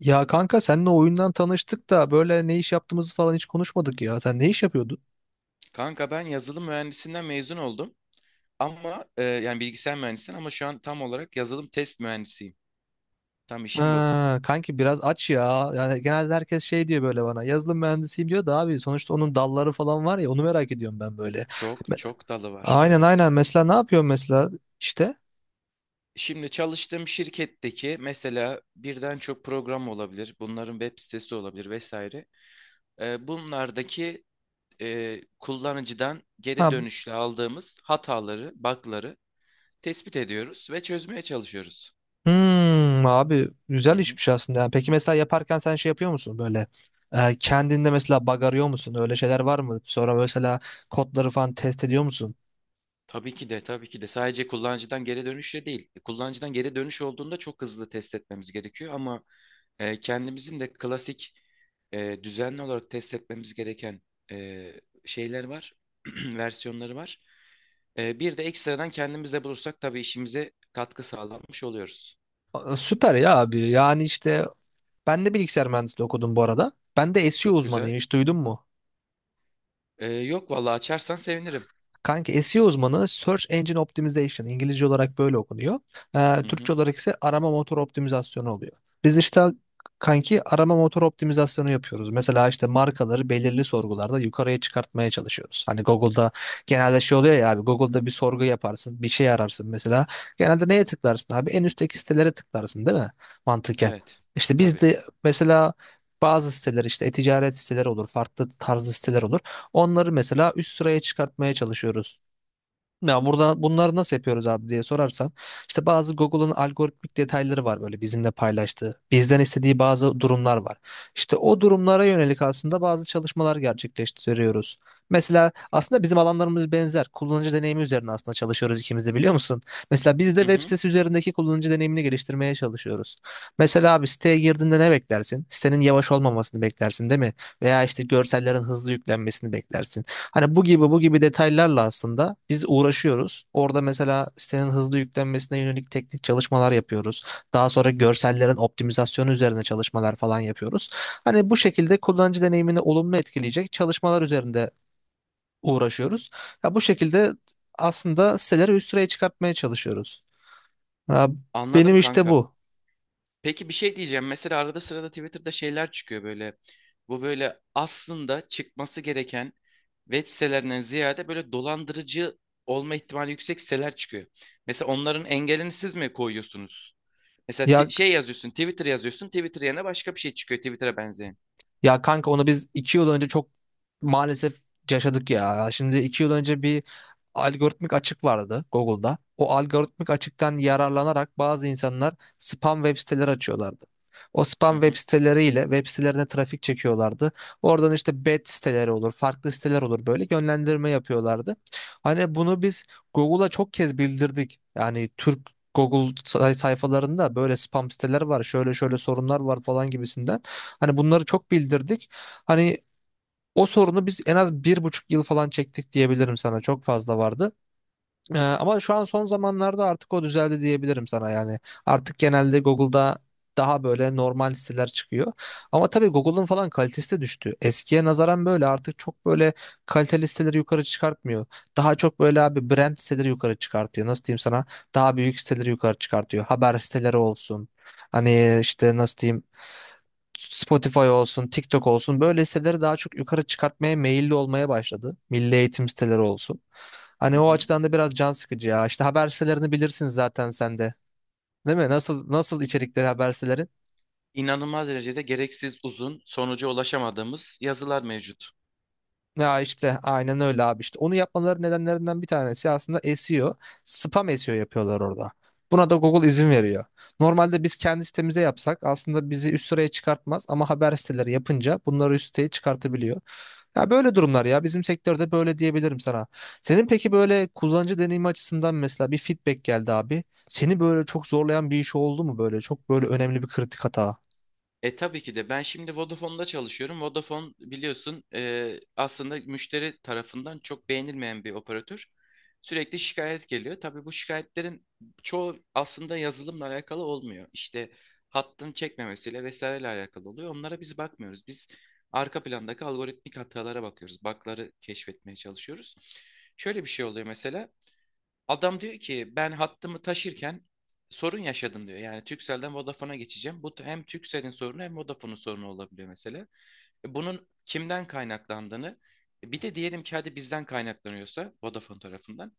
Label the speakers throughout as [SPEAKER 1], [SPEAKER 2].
[SPEAKER 1] Ya kanka seninle oyundan tanıştık da böyle ne iş yaptığımızı falan hiç konuşmadık ya. Sen ne iş yapıyordun?
[SPEAKER 2] Kanka ben yazılım mühendisinden mezun oldum. Ama yani bilgisayar mühendisinden ama şu an tam olarak yazılım test mühendisiyim. Tam işim bu.
[SPEAKER 1] Ha, kanki biraz aç ya. Yani genelde herkes şey diyor böyle bana. Yazılım mühendisiyim diyor da abi sonuçta onun dalları falan var ya onu merak ediyorum ben böyle.
[SPEAKER 2] Çok
[SPEAKER 1] Me-
[SPEAKER 2] çok dalı var.
[SPEAKER 1] Aynen
[SPEAKER 2] Evet.
[SPEAKER 1] aynen, mesela ne yapıyorsun mesela işte?
[SPEAKER 2] Şimdi çalıştığım şirketteki mesela birden çok program olabilir. Bunların web sitesi olabilir vesaire. Bunlardaki kullanıcıdan geri
[SPEAKER 1] Ha.
[SPEAKER 2] dönüşle aldığımız hataları, bug'ları tespit ediyoruz ve çözmeye çalışıyoruz.
[SPEAKER 1] Hmm, abi güzel işmiş aslında. Yani peki mesela yaparken sen şey yapıyor musun böyle kendinde mesela bug arıyor musun? Öyle şeyler var mı? Sonra mesela kodları falan test ediyor musun?
[SPEAKER 2] Tabii ki de, tabii ki de. Sadece kullanıcıdan geri dönüşle değil. Kullanıcıdan geri dönüş olduğunda çok hızlı test etmemiz gerekiyor ama kendimizin de klasik düzenli olarak test etmemiz gereken e, şeyler var, versiyonları var. Bir de ekstradan kendimiz de bulursak tabii işimize katkı sağlanmış oluyoruz.
[SPEAKER 1] Aa, süper ya abi. Yani işte ben de bilgisayar mühendisliği okudum bu arada. Ben de SEO
[SPEAKER 2] Çok güzel.
[SPEAKER 1] uzmanıyım, hiç duydun mu?
[SPEAKER 2] Yok vallahi açarsan sevinirim.
[SPEAKER 1] Kanka SEO uzmanı Search Engine Optimization İngilizce olarak böyle okunuyor.
[SPEAKER 2] Hı hı.
[SPEAKER 1] Türkçe olarak ise arama motor optimizasyonu oluyor. Biz işte kanki arama motor optimizasyonu yapıyoruz. Mesela işte markaları belirli sorgularda yukarıya çıkartmaya çalışıyoruz. Hani Google'da genelde şey oluyor ya abi, Google'da bir sorgu yaparsın, bir şey ararsın mesela. Genelde neye tıklarsın abi, en üstteki sitelere tıklarsın değil mi mantıken.
[SPEAKER 2] Evet,
[SPEAKER 1] İşte biz
[SPEAKER 2] tabii.
[SPEAKER 1] de mesela bazı siteler, işte e-ticaret siteleri olur, farklı tarzı siteler olur. Onları mesela üst sıraya çıkartmaya çalışıyoruz. Ya burada bunları nasıl yapıyoruz abi diye sorarsan, işte bazı Google'ın algoritmik detayları var böyle bizimle paylaştığı. Bizden istediği bazı durumlar var. İşte o durumlara yönelik aslında bazı çalışmalar gerçekleştiriyoruz. Mesela aslında bizim alanlarımız benzer. Kullanıcı deneyimi üzerine aslında çalışıyoruz ikimiz de, biliyor musun? Mesela biz de
[SPEAKER 2] Hı
[SPEAKER 1] web
[SPEAKER 2] hı.
[SPEAKER 1] sitesi üzerindeki kullanıcı deneyimini geliştirmeye çalışıyoruz. Mesela abi siteye girdiğinde ne beklersin? Sitenin yavaş olmamasını beklersin değil mi? Veya işte görsellerin hızlı yüklenmesini beklersin. Hani bu gibi bu gibi detaylarla aslında biz uğraşıyoruz. Orada mesela sitenin hızlı yüklenmesine yönelik teknik çalışmalar yapıyoruz. Daha sonra görsellerin optimizasyonu üzerine çalışmalar falan yapıyoruz. Hani bu şekilde kullanıcı deneyimini olumlu etkileyecek çalışmalar üzerinde uğraşıyoruz. Ya bu şekilde aslında siteleri üst sıraya çıkartmaya çalışıyoruz. Ya benim
[SPEAKER 2] Anladım
[SPEAKER 1] işte
[SPEAKER 2] kanka.
[SPEAKER 1] bu.
[SPEAKER 2] Peki bir şey diyeceğim. Mesela arada sırada Twitter'da şeyler çıkıyor böyle. Bu böyle aslında çıkması gereken web sitelerinden ziyade böyle dolandırıcı olma ihtimali yüksek siteler çıkıyor. Mesela onların engelini siz mi koyuyorsunuz? Mesela
[SPEAKER 1] Ya
[SPEAKER 2] şey yazıyorsun, Twitter yazıyorsun, Twitter yerine başka bir şey çıkıyor Twitter'a benzeyen.
[SPEAKER 1] Ya kanka, onu biz 2 yıl önce çok maalesef yaşadık ya. Şimdi 2 yıl önce bir algoritmik açık vardı Google'da. O algoritmik açıktan yararlanarak bazı insanlar spam web siteleri açıyorlardı. O
[SPEAKER 2] Hı
[SPEAKER 1] spam web
[SPEAKER 2] hı,
[SPEAKER 1] siteleriyle web sitelerine trafik çekiyorlardı. Oradan işte bet siteleri olur, farklı siteler olur, böyle yönlendirme yapıyorlardı. Hani bunu biz Google'a çok kez bildirdik. Yani Türk Google sayfalarında böyle spam siteler var, şöyle şöyle sorunlar var falan gibisinden. Hani bunları çok bildirdik. Hani o sorunu biz en az 1,5 yıl falan çektik diyebilirim sana. Çok fazla vardı. Ama şu an son zamanlarda artık o düzeldi diyebilirim sana yani. Artık genelde Google'da daha böyle normal siteler çıkıyor. Ama tabii Google'ın falan kalitesi de düştü. Eskiye nazaran böyle artık çok böyle kaliteli siteleri yukarı çıkartmıyor. Daha çok böyle abi brand siteleri yukarı çıkartıyor. Nasıl diyeyim sana? Daha büyük siteleri yukarı çıkartıyor. Haber siteleri olsun. Hani işte nasıl diyeyim, Spotify olsun, TikTok olsun, böyle siteleri daha çok yukarı çıkartmaya meyilli olmaya başladı. Milli eğitim siteleri olsun.
[SPEAKER 2] hı
[SPEAKER 1] Hani o
[SPEAKER 2] hı.
[SPEAKER 1] açıdan da biraz can sıkıcı ya. İşte haber sitelerini bilirsin zaten sen de. Değil mi? Nasıl nasıl içerikleri haber siteleri?
[SPEAKER 2] İnanılmaz derecede gereksiz uzun, sonuca ulaşamadığımız yazılar mevcut.
[SPEAKER 1] Ya işte aynen öyle abi, işte onu yapmaları nedenlerinden bir tanesi aslında SEO, spam SEO yapıyorlar orada. Buna da Google izin veriyor. Normalde biz kendi sitemize yapsak aslında bizi üst sıraya çıkartmaz ama haber siteleri yapınca bunları üst siteye çıkartabiliyor. Ya böyle durumlar ya, bizim sektörde böyle diyebilirim sana. Senin peki böyle kullanıcı deneyimi açısından mesela bir feedback geldi abi. Seni böyle çok zorlayan bir iş oldu mu, böyle çok böyle önemli bir kritik hata?
[SPEAKER 2] Tabii ki de ben şimdi Vodafone'da çalışıyorum. Vodafone biliyorsun, aslında müşteri tarafından çok beğenilmeyen bir operatör. Sürekli şikayet geliyor. Tabii bu şikayetlerin çoğu aslında yazılımla alakalı olmuyor. İşte hattın çekmemesiyle vesaireyle alakalı oluyor. Onlara biz bakmıyoruz. Biz arka plandaki algoritmik hatalara bakıyoruz. Bug'ları keşfetmeye çalışıyoruz. Şöyle bir şey oluyor mesela. Adam diyor ki ben hattımı taşırken sorun yaşadım diyor. Yani Turkcell'den Vodafone'a geçeceğim. Bu hem Turkcell'in sorunu hem Vodafone'un sorunu olabiliyor mesela. Bunun kimden kaynaklandığını, bir de diyelim ki hadi bizden kaynaklanıyorsa Vodafone tarafından.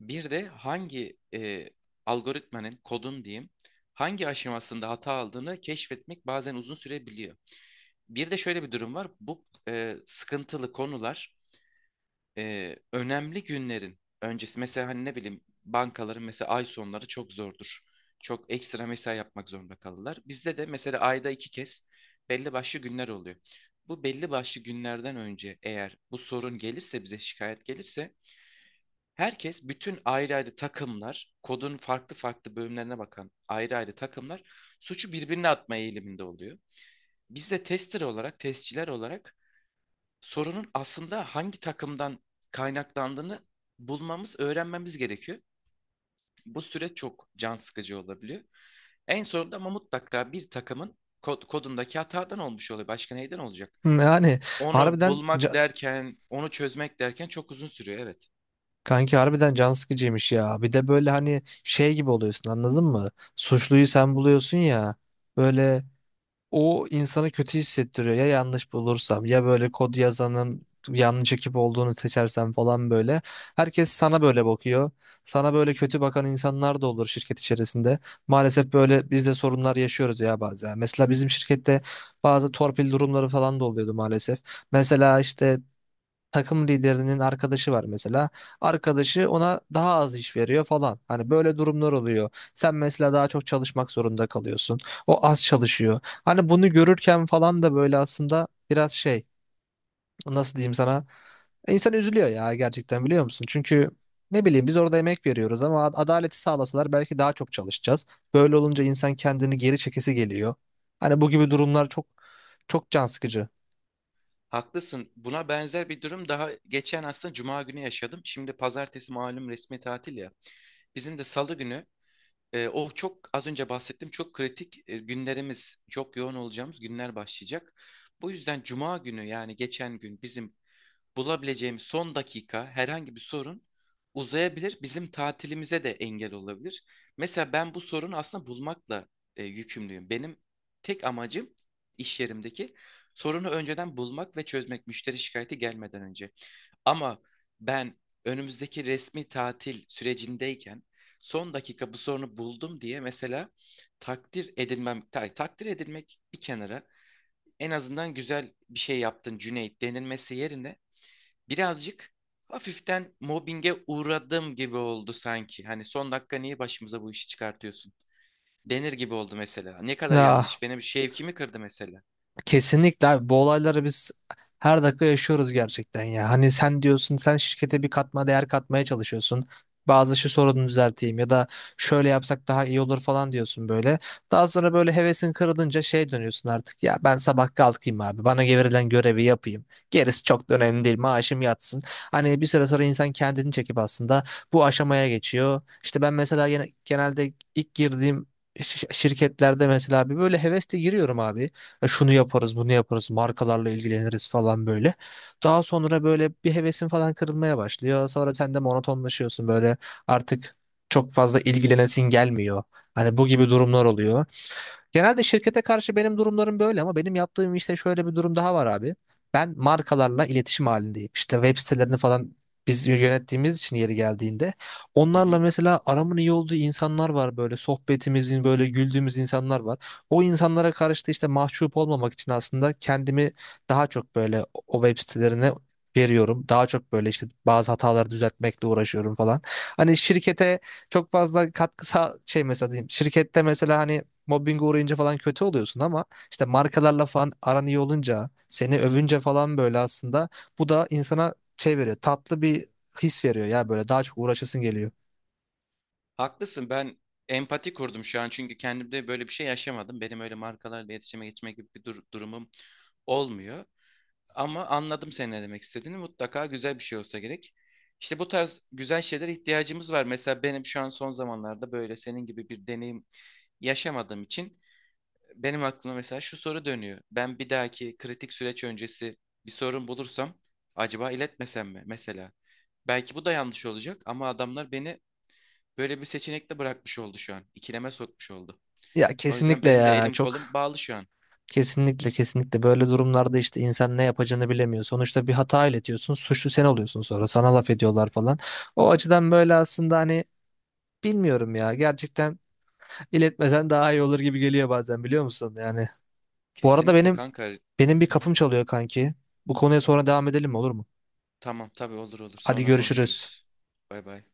[SPEAKER 2] Bir de hangi algoritmanın, kodun diyeyim, hangi aşamasında hata aldığını keşfetmek bazen uzun sürebiliyor. Bir de şöyle bir durum var. Bu sıkıntılı konular, önemli günlerin öncesi, mesela hani ne bileyim bankaların mesela ay sonları çok zordur. Çok ekstra mesai yapmak zorunda kalırlar. Bizde de mesela ayda iki kez belli başlı günler oluyor. Bu belli başlı günlerden önce eğer bu sorun gelirse, bize şikayet gelirse, herkes, bütün ayrı ayrı takımlar, kodun farklı farklı bölümlerine bakan ayrı ayrı takımlar, suçu birbirine atma eğiliminde oluyor. Biz de tester olarak, testçiler olarak sorunun aslında hangi takımdan kaynaklandığını bulmamız, öğrenmemiz gerekiyor. Bu süreç çok can sıkıcı olabiliyor. En sonunda ama mutlaka bir takımın kodundaki hatadan olmuş oluyor. Başka neyden olacak?
[SPEAKER 1] Yani
[SPEAKER 2] Onu
[SPEAKER 1] harbiden
[SPEAKER 2] bulmak
[SPEAKER 1] ca-
[SPEAKER 2] derken, onu çözmek derken çok uzun sürüyor. Evet.
[SPEAKER 1] Kanki harbiden can sıkıcıymış ya. Bir de böyle hani şey gibi oluyorsun, anladın mı? Suçluyu sen buluyorsun ya. Böyle o insanı kötü hissettiriyor. Ya yanlış bulursam, ya böyle kod yazanın yanlış ekip olduğunu seçersem falan böyle. Herkes sana böyle bakıyor. Sana böyle kötü bakan insanlar da olur şirket içerisinde. Maalesef böyle biz de sorunlar yaşıyoruz ya bazen. Mesela bizim şirkette bazı torpil durumları falan da oluyordu maalesef. Mesela işte takım liderinin arkadaşı var mesela. Arkadaşı ona daha az iş veriyor falan. Hani böyle durumlar oluyor. Sen mesela daha çok çalışmak zorunda kalıyorsun. O az çalışıyor. Hani bunu görürken falan da böyle aslında biraz şey, nasıl diyeyim sana, İnsan üzülüyor ya gerçekten, biliyor musun? Çünkü ne bileyim biz orada emek veriyoruz ama adaleti sağlasalar belki daha çok çalışacağız. Böyle olunca insan kendini geri çekesi geliyor. Hani bu gibi durumlar çok çok can sıkıcı.
[SPEAKER 2] Haklısın. Buna benzer bir durum daha geçen aslında Cuma günü yaşadım. Şimdi pazartesi malum resmi tatil ya. Bizim de salı günü, o çok az önce bahsettim, çok kritik günlerimiz, çok yoğun olacağımız günler başlayacak. Bu yüzden Cuma günü, yani geçen gün, bizim bulabileceğim son dakika herhangi bir sorun uzayabilir, bizim tatilimize de engel olabilir. Mesela ben bu sorunu aslında bulmakla yükümlüyüm. Benim tek amacım iş yerimdeki sorunu önceden bulmak ve çözmek, müşteri şikayeti gelmeden önce. Ama ben önümüzdeki resmi tatil sürecindeyken son dakika bu sorunu buldum diye mesela takdir edilmem, takdir edilmek bir kenara, en azından "güzel bir şey yaptın Cüneyt" denilmesi yerine, birazcık hafiften mobbinge uğradım gibi oldu sanki. Hani "son dakika niye başımıza bu işi çıkartıyorsun?" denir gibi oldu mesela. Ne kadar
[SPEAKER 1] Ya
[SPEAKER 2] yanlış. Benim şevkimi kırdı mesela.
[SPEAKER 1] kesinlikle abi, bu olayları biz her dakika yaşıyoruz gerçekten ya. Hani sen diyorsun sen şirkete bir katma değer katmaya çalışıyorsun. Bazı şu sorunu düzelteyim ya da şöyle yapsak daha iyi olur falan diyorsun böyle. Daha sonra böyle hevesin kırılınca şey dönüyorsun artık, ya ben sabah kalkayım abi bana verilen görevi yapayım. Gerisi çok da önemli değil, maaşım yatsın. Hani bir süre sonra insan kendini çekip aslında bu aşamaya geçiyor. İşte ben mesela genelde ilk girdiğim şirketlerde mesela bir böyle hevesle giriyorum abi. Şunu yaparız, bunu yaparız, markalarla ilgileniriz falan böyle. Daha sonra böyle bir hevesin falan kırılmaya başlıyor. Sonra sen de monotonlaşıyorsun böyle, artık çok fazla ilgilenesin gelmiyor. Hani bu gibi durumlar oluyor. Genelde şirkete karşı benim durumlarım böyle ama benim yaptığım işte şöyle bir durum daha var abi. Ben markalarla iletişim halindeyim. İşte web sitelerini falan biz yönettiğimiz için yeri geldiğinde
[SPEAKER 2] Hı
[SPEAKER 1] onlarla
[SPEAKER 2] hı.
[SPEAKER 1] mesela aramın iyi olduğu insanlar var, böyle sohbetimizin böyle güldüğümüz insanlar var. O insanlara karşı da işte mahcup olmamak için aslında kendimi daha çok böyle o web sitelerine veriyorum. Daha çok böyle işte bazı hataları düzeltmekle uğraşıyorum falan. Hani şirkete çok fazla katkısa şey mesela diyeyim. Şirkette mesela hani mobbinge uğrayınca falan kötü oluyorsun ama işte markalarla falan aran iyi olunca, seni övünce falan böyle aslında bu da insana şey veriyor, tatlı bir his veriyor ya, böyle daha çok uğraşasın geliyor.
[SPEAKER 2] Haklısın. Ben empati kurdum şu an, çünkü kendimde böyle bir şey yaşamadım. Benim öyle markalarla iletişime geçme gibi bir durumum olmuyor. Ama anladım senin ne demek istediğini. Mutlaka güzel bir şey olsa gerek. İşte bu tarz güzel şeylere ihtiyacımız var. Mesela benim şu an son zamanlarda böyle senin gibi bir deneyim yaşamadığım için benim aklıma mesela şu soru dönüyor. Ben bir dahaki kritik süreç öncesi bir sorun bulursam acaba iletmesem mi mesela? Belki bu da yanlış olacak ama adamlar beni böyle bir seçenekle bırakmış oldu şu an. İkileme sokmuş oldu.
[SPEAKER 1] Ya
[SPEAKER 2] O yüzden
[SPEAKER 1] kesinlikle
[SPEAKER 2] benim de
[SPEAKER 1] ya
[SPEAKER 2] elim
[SPEAKER 1] çok
[SPEAKER 2] kolum bağlı şu an.
[SPEAKER 1] kesinlikle böyle durumlarda işte insan ne yapacağını bilemiyor. Sonuçta bir hata iletiyorsun, suçlu sen oluyorsun, sonra sana laf ediyorlar falan. O açıdan böyle aslında hani, bilmiyorum ya gerçekten, İletmesen daha iyi olur gibi geliyor bazen, biliyor musun? Yani bu arada
[SPEAKER 2] Kesinlikle
[SPEAKER 1] benim
[SPEAKER 2] kanka.
[SPEAKER 1] benim bir
[SPEAKER 2] Hı hı.
[SPEAKER 1] kapım çalıyor kanki. Bu konuya sonra devam edelim mi, olur mu?
[SPEAKER 2] Tamam, tabii, olur olur.
[SPEAKER 1] Hadi
[SPEAKER 2] Sonra
[SPEAKER 1] görüşürüz.
[SPEAKER 2] konuşuruz. Bay bay.